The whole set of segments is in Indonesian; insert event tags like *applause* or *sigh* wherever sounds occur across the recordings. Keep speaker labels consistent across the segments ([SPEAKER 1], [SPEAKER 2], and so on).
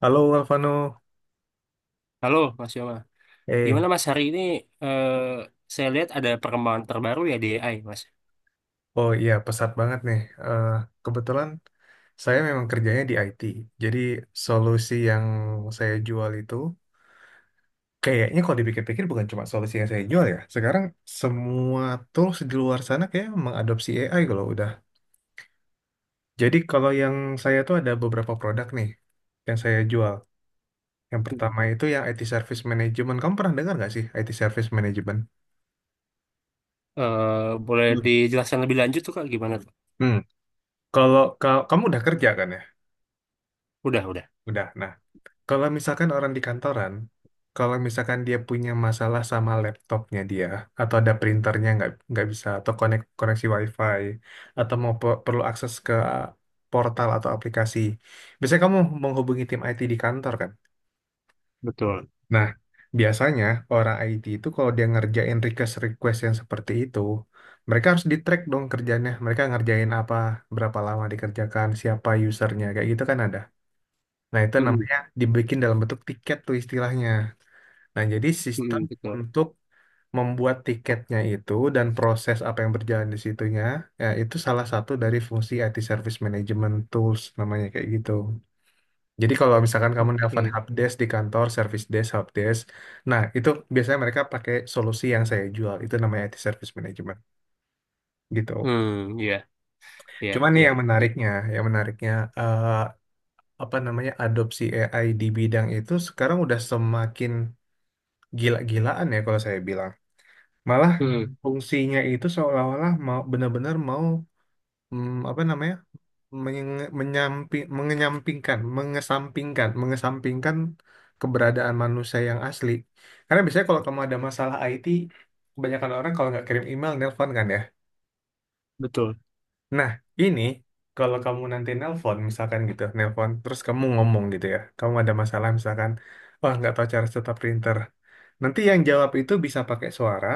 [SPEAKER 1] Halo Alvano,
[SPEAKER 2] Halo Mas Yoma,
[SPEAKER 1] eh,
[SPEAKER 2] gimana Mas hari ini? eh, saya lihat ada perkembangan terbaru ya di AI Mas.
[SPEAKER 1] oh iya pesat banget nih. Eh, kebetulan saya memang kerjanya di IT, jadi solusi yang saya jual itu kayaknya kalau dipikir-pikir bukan cuma solusi yang saya jual ya. Sekarang semua tools di luar sana kayak mengadopsi AI kalau udah. Jadi kalau yang saya tuh ada beberapa produk nih yang saya jual. Yang
[SPEAKER 2] Mm.
[SPEAKER 1] pertama itu yang IT Service Management. Kamu pernah dengar nggak sih IT Service Management?
[SPEAKER 2] Boleh
[SPEAKER 1] Hmm.
[SPEAKER 2] dijelaskan lebih lanjut tuh Kak gimana tuh?
[SPEAKER 1] Hmm, kalau kamu udah kerja kan ya?
[SPEAKER 2] Udah.
[SPEAKER 1] Udah. Nah, kalau misalkan orang di kantoran, kalau misalkan dia punya masalah sama laptopnya dia, atau ada printernya nggak bisa, atau koneksi WiFi, atau mau perlu akses ke portal atau aplikasi, biasanya kamu menghubungi tim IT di kantor kan?
[SPEAKER 2] Betul.
[SPEAKER 1] Nah, biasanya orang IT itu kalau dia ngerjain request-request yang seperti itu, mereka harus di-track dong kerjanya, mereka ngerjain apa, berapa lama dikerjakan, siapa usernya, kayak gitu kan ada. Nah, itu
[SPEAKER 2] Mm-mm.
[SPEAKER 1] namanya dibikin dalam bentuk tiket tuh istilahnya. Nah, jadi sistem
[SPEAKER 2] Mm-mm, betul.
[SPEAKER 1] untuk membuat tiketnya itu dan proses apa yang berjalan di situnya, ya itu salah satu dari fungsi IT Service Management Tools namanya kayak gitu. Jadi kalau misalkan kamu nelpon
[SPEAKER 2] Oke.
[SPEAKER 1] helpdesk di kantor, service desk, helpdesk, nah itu biasanya mereka pakai solusi yang saya jual, itu namanya IT Service Management gitu.
[SPEAKER 2] Hmm, ya, ya,
[SPEAKER 1] Cuman nih yang
[SPEAKER 2] ya. I-
[SPEAKER 1] menariknya, yang menariknya eh, apa namanya adopsi AI di bidang itu sekarang udah semakin gila-gilaan ya kalau saya bilang. Malah
[SPEAKER 2] Hmm,
[SPEAKER 1] fungsinya itu seolah-olah mau benar-benar mau apa namanya mengenyampingkan mengesampingkan mengesampingkan keberadaan manusia yang asli, karena biasanya kalau kamu ada masalah IT, kebanyakan orang kalau nggak kirim email, nelpon kan ya.
[SPEAKER 2] betul.
[SPEAKER 1] Nah, ini kalau kamu nanti nelpon misalkan gitu, nelpon terus kamu ngomong gitu ya, kamu ada masalah misalkan, wah, nggak tahu cara setup printer. Nanti yang jawab itu bisa pakai suara,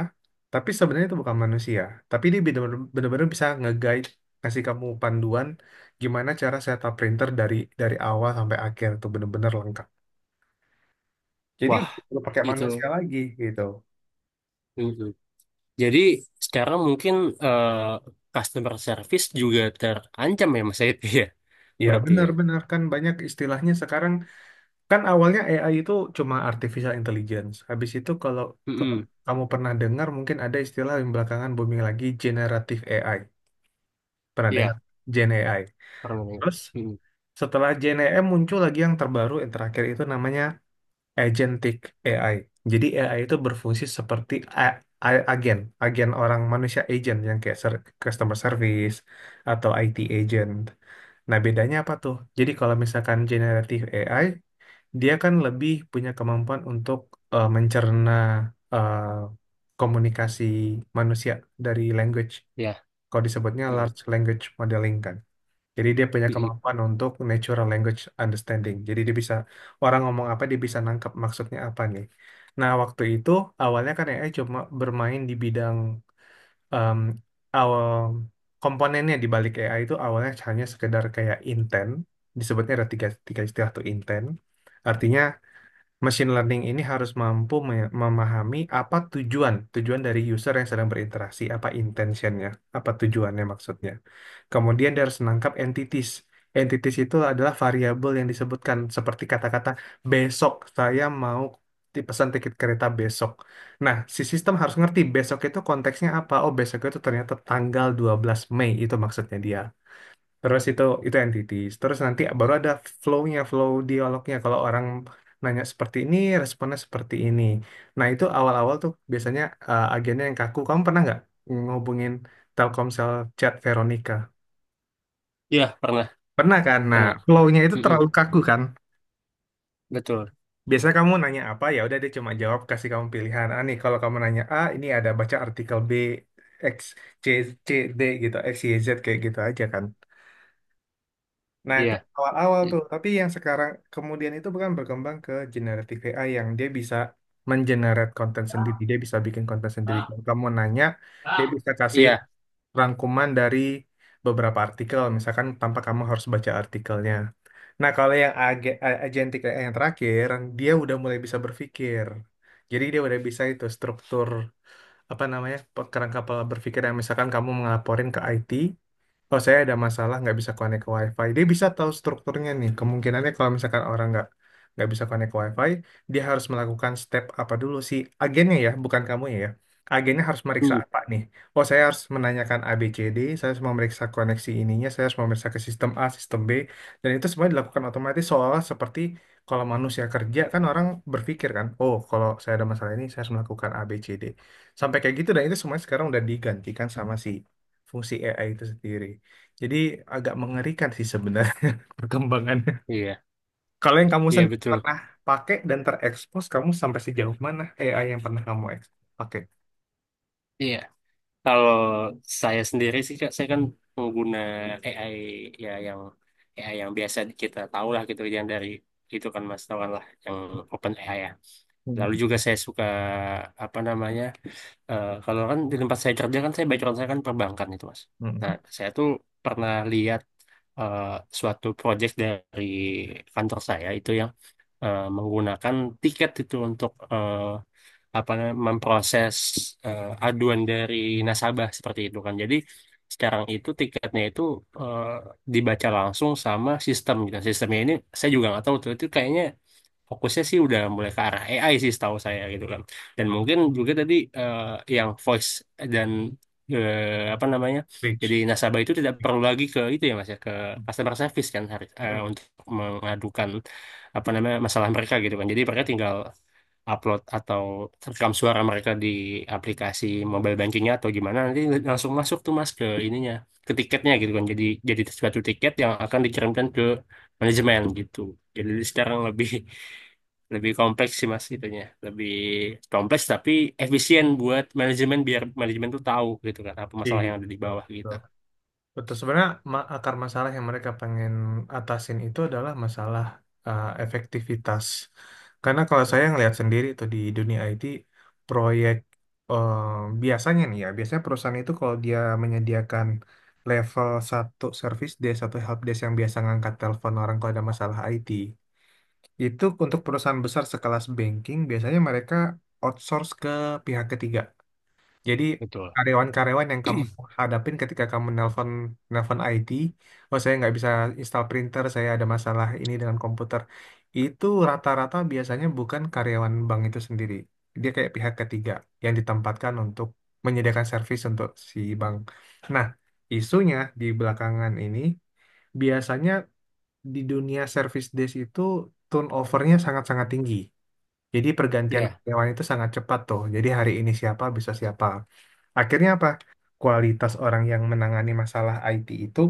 [SPEAKER 1] tapi sebenarnya itu bukan manusia. Tapi dia bener-bener bisa nge-guide, kasih kamu panduan gimana cara setup printer dari awal sampai akhir itu bener-bener lengkap. Jadi
[SPEAKER 2] Wah,
[SPEAKER 1] udah nggak perlu pakai
[SPEAKER 2] itu.
[SPEAKER 1] manusia lagi gitu.
[SPEAKER 2] Mm-mm. Jadi sekarang mungkin eh, customer service juga terancam ya Mas itu ya. *laughs* Iya,
[SPEAKER 1] Ya,
[SPEAKER 2] berarti ya.
[SPEAKER 1] benar-benar kan banyak istilahnya sekarang, kan awalnya AI itu cuma artificial intelligence. Habis itu kalau kalau
[SPEAKER 2] Mm-mm.
[SPEAKER 1] kamu pernah dengar, mungkin ada istilah yang belakangan booming lagi, generative AI. Pernah dengar
[SPEAKER 2] Ya,
[SPEAKER 1] Gen AI?
[SPEAKER 2] pernah.
[SPEAKER 1] Terus
[SPEAKER 2] Mm-mm.
[SPEAKER 1] setelah JNEM muncul lagi yang terbaru yang terakhir itu namanya agentic AI. Jadi AI itu berfungsi seperti a- agen orang manusia agent yang kayak customer service atau IT agent. Nah, bedanya apa tuh? Jadi kalau misalkan generative AI, dia kan lebih punya kemampuan untuk mencerna eh, komunikasi manusia dari language.
[SPEAKER 2] Ya,
[SPEAKER 1] Kalau disebutnya
[SPEAKER 2] mm-mm.
[SPEAKER 1] large language modeling kan. Jadi dia punya
[SPEAKER 2] Mm-mm.
[SPEAKER 1] kemampuan untuk natural language understanding. Jadi dia bisa orang ngomong apa dia bisa nangkep maksudnya apa nih. Nah, waktu itu awalnya kan AI cuma bermain di bidang em, awal komponennya di balik AI itu awalnya hanya sekedar kayak intent. Disebutnya ada tiga istilah tuh intent. Artinya machine learning ini harus mampu memahami apa tujuan dari user yang sedang berinteraksi, apa intentionnya, apa tujuannya maksudnya. Kemudian dia harus menangkap entities. Entities itu adalah variabel yang disebutkan seperti kata-kata besok saya mau dipesan tiket kereta besok. Nah, si sistem harus ngerti besok itu konteksnya apa. Oh, besok itu ternyata tanggal 12 Mei itu maksudnya dia. Terus itu entities. Terus nanti baru ada flow-nya, flow dialognya. Kalau orang nanya seperti ini, responnya seperti ini. Nah, itu awal-awal tuh biasanya agennya yang kaku. Kamu pernah nggak ngubungin Telkomsel chat Veronica?
[SPEAKER 2] Ya, pernah.
[SPEAKER 1] Pernah kan? Nah,
[SPEAKER 2] Pernah.
[SPEAKER 1] flow-nya itu
[SPEAKER 2] Mm-mm,
[SPEAKER 1] terlalu kaku kan?
[SPEAKER 2] betul.
[SPEAKER 1] Biasanya kamu nanya apa, ya udah dia cuma jawab, kasih kamu pilihan. Ah, nih, kalau kamu nanya A, ini ada baca artikel B, X, C, C, D gitu, X, Y, Z kayak gitu aja kan. Nah, itu
[SPEAKER 2] Iya.
[SPEAKER 1] awal-awal
[SPEAKER 2] I-
[SPEAKER 1] tuh. Tapi yang sekarang kemudian itu bukan berkembang ke generative AI yang dia bisa mengenerate konten sendiri. Dia bisa bikin konten sendiri. Kalau kamu nanya, dia bisa kasih
[SPEAKER 2] Iya.
[SPEAKER 1] rangkuman dari beberapa artikel, misalkan tanpa kamu harus baca artikelnya. Nah, kalau yang agentic AI yang terakhir, dia udah mulai bisa berpikir. Jadi dia udah bisa itu struktur apa namanya kerangka pola berpikir yang misalkan kamu ngelaporin ke IT, oh saya ada masalah nggak bisa connect ke WiFi. Dia bisa tahu strukturnya nih. Kemungkinannya kalau misalkan orang nggak bisa connect ke WiFi, dia harus melakukan step apa dulu si agennya ya, bukan kamu ya. Agennya harus meriksa
[SPEAKER 2] Mm,
[SPEAKER 1] apa nih? Oh, saya harus menanyakan A B C D. Saya harus memeriksa koneksi ininya, saya harus memeriksa ke sistem A, sistem B, dan itu semua dilakukan otomatis seolah seperti kalau manusia kerja kan orang berpikir kan, oh kalau saya ada masalah ini saya harus melakukan A B C D. Sampai kayak gitu dan itu semuanya sekarang udah digantikan sama si fungsi AI itu sendiri. Jadi agak mengerikan sih sebenarnya *laughs* perkembangannya.
[SPEAKER 2] iya.
[SPEAKER 1] Kalau yang kamu
[SPEAKER 2] Iya,
[SPEAKER 1] sendiri
[SPEAKER 2] betul.
[SPEAKER 1] pernah pakai dan terekspos, kamu sampai sejauh mana AI yang pernah kamu pakai?
[SPEAKER 2] Iya. Kalau saya sendiri sih, Kak, saya kan pengguna AI ya, yang AI yang biasa kita tahu lah gitu, yang dari itu kan Mas tahu kan lah, yang open AI ya.
[SPEAKER 1] Hmm.
[SPEAKER 2] Lalu juga saya suka apa namanya? Kalau kan di tempat saya kerja kan, saya background saya kan perbankan itu, Mas.
[SPEAKER 1] Hmm.
[SPEAKER 2] Nah, saya tuh pernah lihat eh, suatu project dari kantor saya itu yang menggunakan tiket itu untuk apa namanya, memproses aduan dari nasabah seperti itu kan. Jadi sekarang itu tiketnya itu eh, dibaca langsung sama sistem gitu. Sistemnya ini saya juga nggak tahu tuh, itu kayaknya fokusnya sih udah mulai ke arah AI sih setahu saya gitu kan. Dan mungkin juga tadi yang voice dan apa namanya? Jadi
[SPEAKER 1] Reach.
[SPEAKER 2] nasabah itu tidak perlu lagi ke itu ya Mas ya, ke
[SPEAKER 1] Hmm.
[SPEAKER 2] customer service kan harus
[SPEAKER 1] Hmm.
[SPEAKER 2] untuk mengadukan apa namanya masalah mereka gitu kan. Jadi mereka tinggal upload atau rekam suara mereka di aplikasi mobile bankingnya atau gimana, nanti langsung masuk tuh Mas ke ininya, ke tiketnya gitu kan. Jadi suatu tiket yang akan dikirimkan ke manajemen gitu. Jadi sekarang lebih *laughs* lebih kompleks sih mas itunya, lebih kompleks tapi efisien buat manajemen, biar manajemen tuh tahu gitu kan apa masalah yang ada di
[SPEAKER 1] Gitu.
[SPEAKER 2] bawah gitu.
[SPEAKER 1] Betul, sebenarnya akar masalah yang mereka pengen atasin itu adalah masalah efektivitas. Karena kalau saya ngelihat sendiri tuh di dunia IT, proyek uh, biasanya nih ya, biasanya perusahaan itu kalau dia menyediakan level satu service desk, satu help desk yang biasa ngangkat telepon orang kalau ada masalah IT, itu untuk perusahaan besar sekelas banking biasanya mereka outsource ke pihak ketiga. Jadi
[SPEAKER 2] Betul.
[SPEAKER 1] karyawan-karyawan yang kamu hadapin ketika kamu nelpon nelpon IT, oh saya nggak bisa install printer, saya ada masalah ini dengan komputer. Itu rata-rata biasanya bukan karyawan bank itu sendiri. Dia kayak pihak ketiga yang ditempatkan untuk menyediakan servis untuk si bank. Nah, isunya di belakangan ini biasanya di dunia service desk itu turnovernya sangat-sangat tinggi. Jadi pergantian
[SPEAKER 2] Iya.
[SPEAKER 1] karyawan itu sangat cepat tuh. Jadi hari ini siapa bisa siapa. Akhirnya apa? Kualitas orang yang menangani masalah IT itu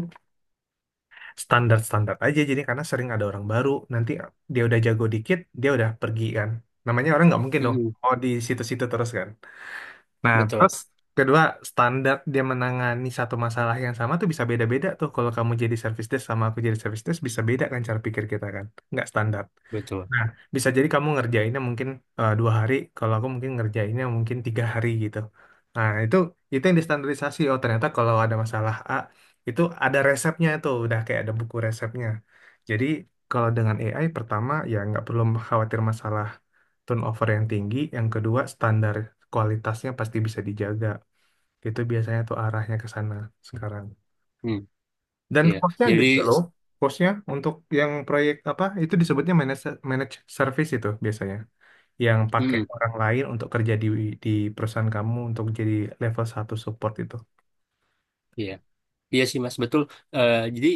[SPEAKER 1] standar-standar aja. Jadi karena sering ada orang baru, nanti dia udah jago dikit, dia udah pergi kan. Namanya orang nggak mungkin dong.
[SPEAKER 2] Mm-mm.
[SPEAKER 1] Oh di situ-situ terus kan. Nah
[SPEAKER 2] Betul.
[SPEAKER 1] terus kedua standar dia menangani satu masalah yang sama tuh bisa beda-beda tuh. Kalau kamu jadi service desk sama aku jadi service desk bisa beda kan cara pikir kita kan. Nggak standar.
[SPEAKER 2] Betul.
[SPEAKER 1] Nah, bisa jadi kamu ngerjainnya mungkin 2 hari, kalau aku mungkin ngerjainnya mungkin 3 hari gitu. Nah, itu yang distandarisasi. Oh, ternyata kalau ada masalah A, itu ada resepnya itu, udah kayak ada buku resepnya. Jadi, kalau dengan AI, pertama, ya nggak perlu khawatir masalah turnover yang tinggi. Yang kedua, standar kualitasnya pasti bisa dijaga. Itu biasanya tuh arahnya ke sana sekarang.
[SPEAKER 2] Mm.
[SPEAKER 1] Dan
[SPEAKER 2] Iya.
[SPEAKER 1] cost-nya
[SPEAKER 2] Jadi,
[SPEAKER 1] gede loh. Cost-nya untuk yang proyek apa, itu disebutnya managed managed service itu biasanya yang pakai
[SPEAKER 2] mm-mm.
[SPEAKER 1] orang lain untuk kerja di perusahaan kamu untuk jadi level satu support itu.
[SPEAKER 2] Iya. Iya sih Mas, betul. Jadi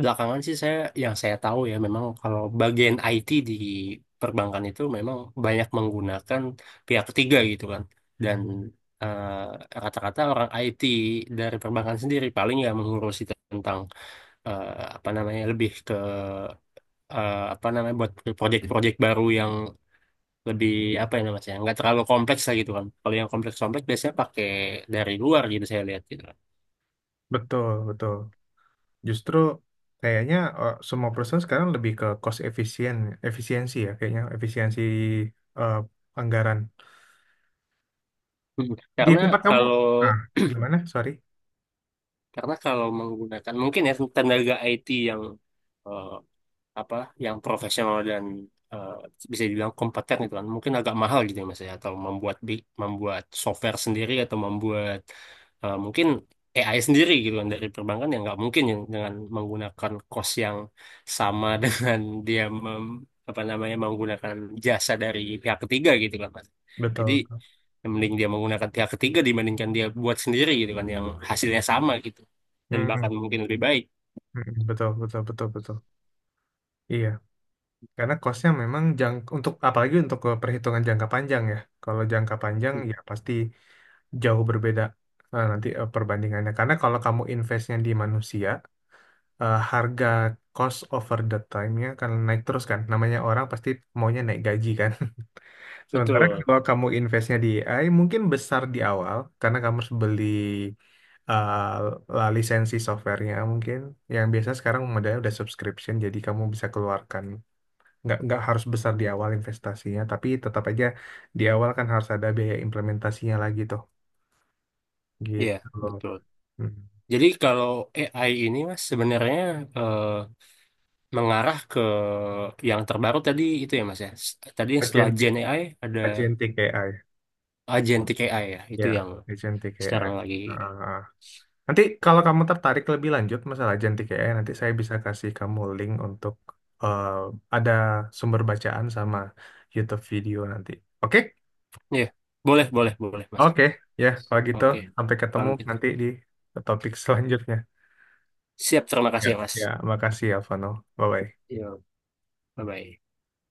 [SPEAKER 2] belakangan sih saya, yang saya tahu ya memang kalau bagian IT di perbankan itu memang banyak menggunakan pihak ketiga gitu kan. Dan eh, kata-kata orang IT dari perbankan sendiri paling ya mengurusi tentang eh, apa namanya, lebih ke apa namanya, buat proyek-proyek baru yang lebih apa ya namanya ya, nggak terlalu kompleks lah gitu kan. Kalau yang kompleks-kompleks biasanya pakai dari luar gitu saya lihat gitu kan.
[SPEAKER 1] Betul, betul. Justru kayaknya semua perusahaan sekarang lebih ke cost efisien, efisiensi ya kayaknya efisiensi eh, anggaran.
[SPEAKER 2] Hmm.
[SPEAKER 1] Di tempat kamu,
[SPEAKER 2] Kalau
[SPEAKER 1] ah, gimana? Sorry.
[SPEAKER 2] Karena kalau menggunakan mungkin ya tenaga IT yang eh, apa yang profesional dan eh, bisa dibilang kompeten gitu kan, mungkin agak mahal gitu ya mas ya, atau membuat bi- membuat software sendiri atau membuat mungkin AI sendiri gitu kan dari perbankan, yang nggak mungkin yang dengan menggunakan cost yang sama *laughs* dengan dia mem, apa namanya, menggunakan jasa dari pihak ketiga gitu kan mas. Jadi
[SPEAKER 1] Betul.
[SPEAKER 2] ya mending dia menggunakan pihak ketiga dibandingkan dia buat sendiri gitu kan, yang hasilnya sama gitu dan
[SPEAKER 1] Mm,
[SPEAKER 2] bahkan mungkin lebih baik.
[SPEAKER 1] mm, betul, betul, betul, betul. Iya. Karena costnya memang jang untuk apalagi untuk ke perhitungan jangka panjang ya. Kalau jangka panjang
[SPEAKER 2] Mm.
[SPEAKER 1] ya pasti jauh berbeda nanti perbandingannya. Karena kalau kamu investnya di manusia, harga cost over the time-nya akan naik terus kan. Namanya orang pasti maunya naik gaji kan. *laughs* Sementara
[SPEAKER 2] Betul
[SPEAKER 1] kalau kamu investnya di AI mungkin besar di awal karena kamu harus beli lisensi softwarenya mungkin yang biasa sekarang modelnya udah subscription jadi kamu bisa keluarkan nggak harus besar di awal investasinya, tapi tetap aja di awal kan harus ada biaya implementasinya lagi tuh,
[SPEAKER 2] ya,
[SPEAKER 1] gitu loh.
[SPEAKER 2] betul.
[SPEAKER 1] Hmm.
[SPEAKER 2] Jadi kalau AI ini mas sebenarnya eh, mengarah ke yang terbaru tadi itu ya mas ya. S- Tadi yang setelah
[SPEAKER 1] Agentic,
[SPEAKER 2] Gen AI ada
[SPEAKER 1] agentic AI,
[SPEAKER 2] Agentic AI ya,
[SPEAKER 1] ya,
[SPEAKER 2] itu yang
[SPEAKER 1] agentic AI.
[SPEAKER 2] sekarang lagi.
[SPEAKER 1] Ah. Nanti kalau kamu tertarik lebih lanjut masalah agentic AI, nanti saya bisa kasih kamu link untuk eh, ada sumber bacaan sama YouTube video nanti. Oke?
[SPEAKER 2] Ya boleh boleh boleh mas.
[SPEAKER 1] Oke, ya, kalau gitu
[SPEAKER 2] Oke
[SPEAKER 1] sampai ketemu
[SPEAKER 2] kalau gitu
[SPEAKER 1] nanti di topik selanjutnya.
[SPEAKER 2] siap, terima
[SPEAKER 1] Ya,
[SPEAKER 2] kasih ya mas.
[SPEAKER 1] ya, makasih ya, Vano. Bye-bye.
[SPEAKER 2] Yo bye bye.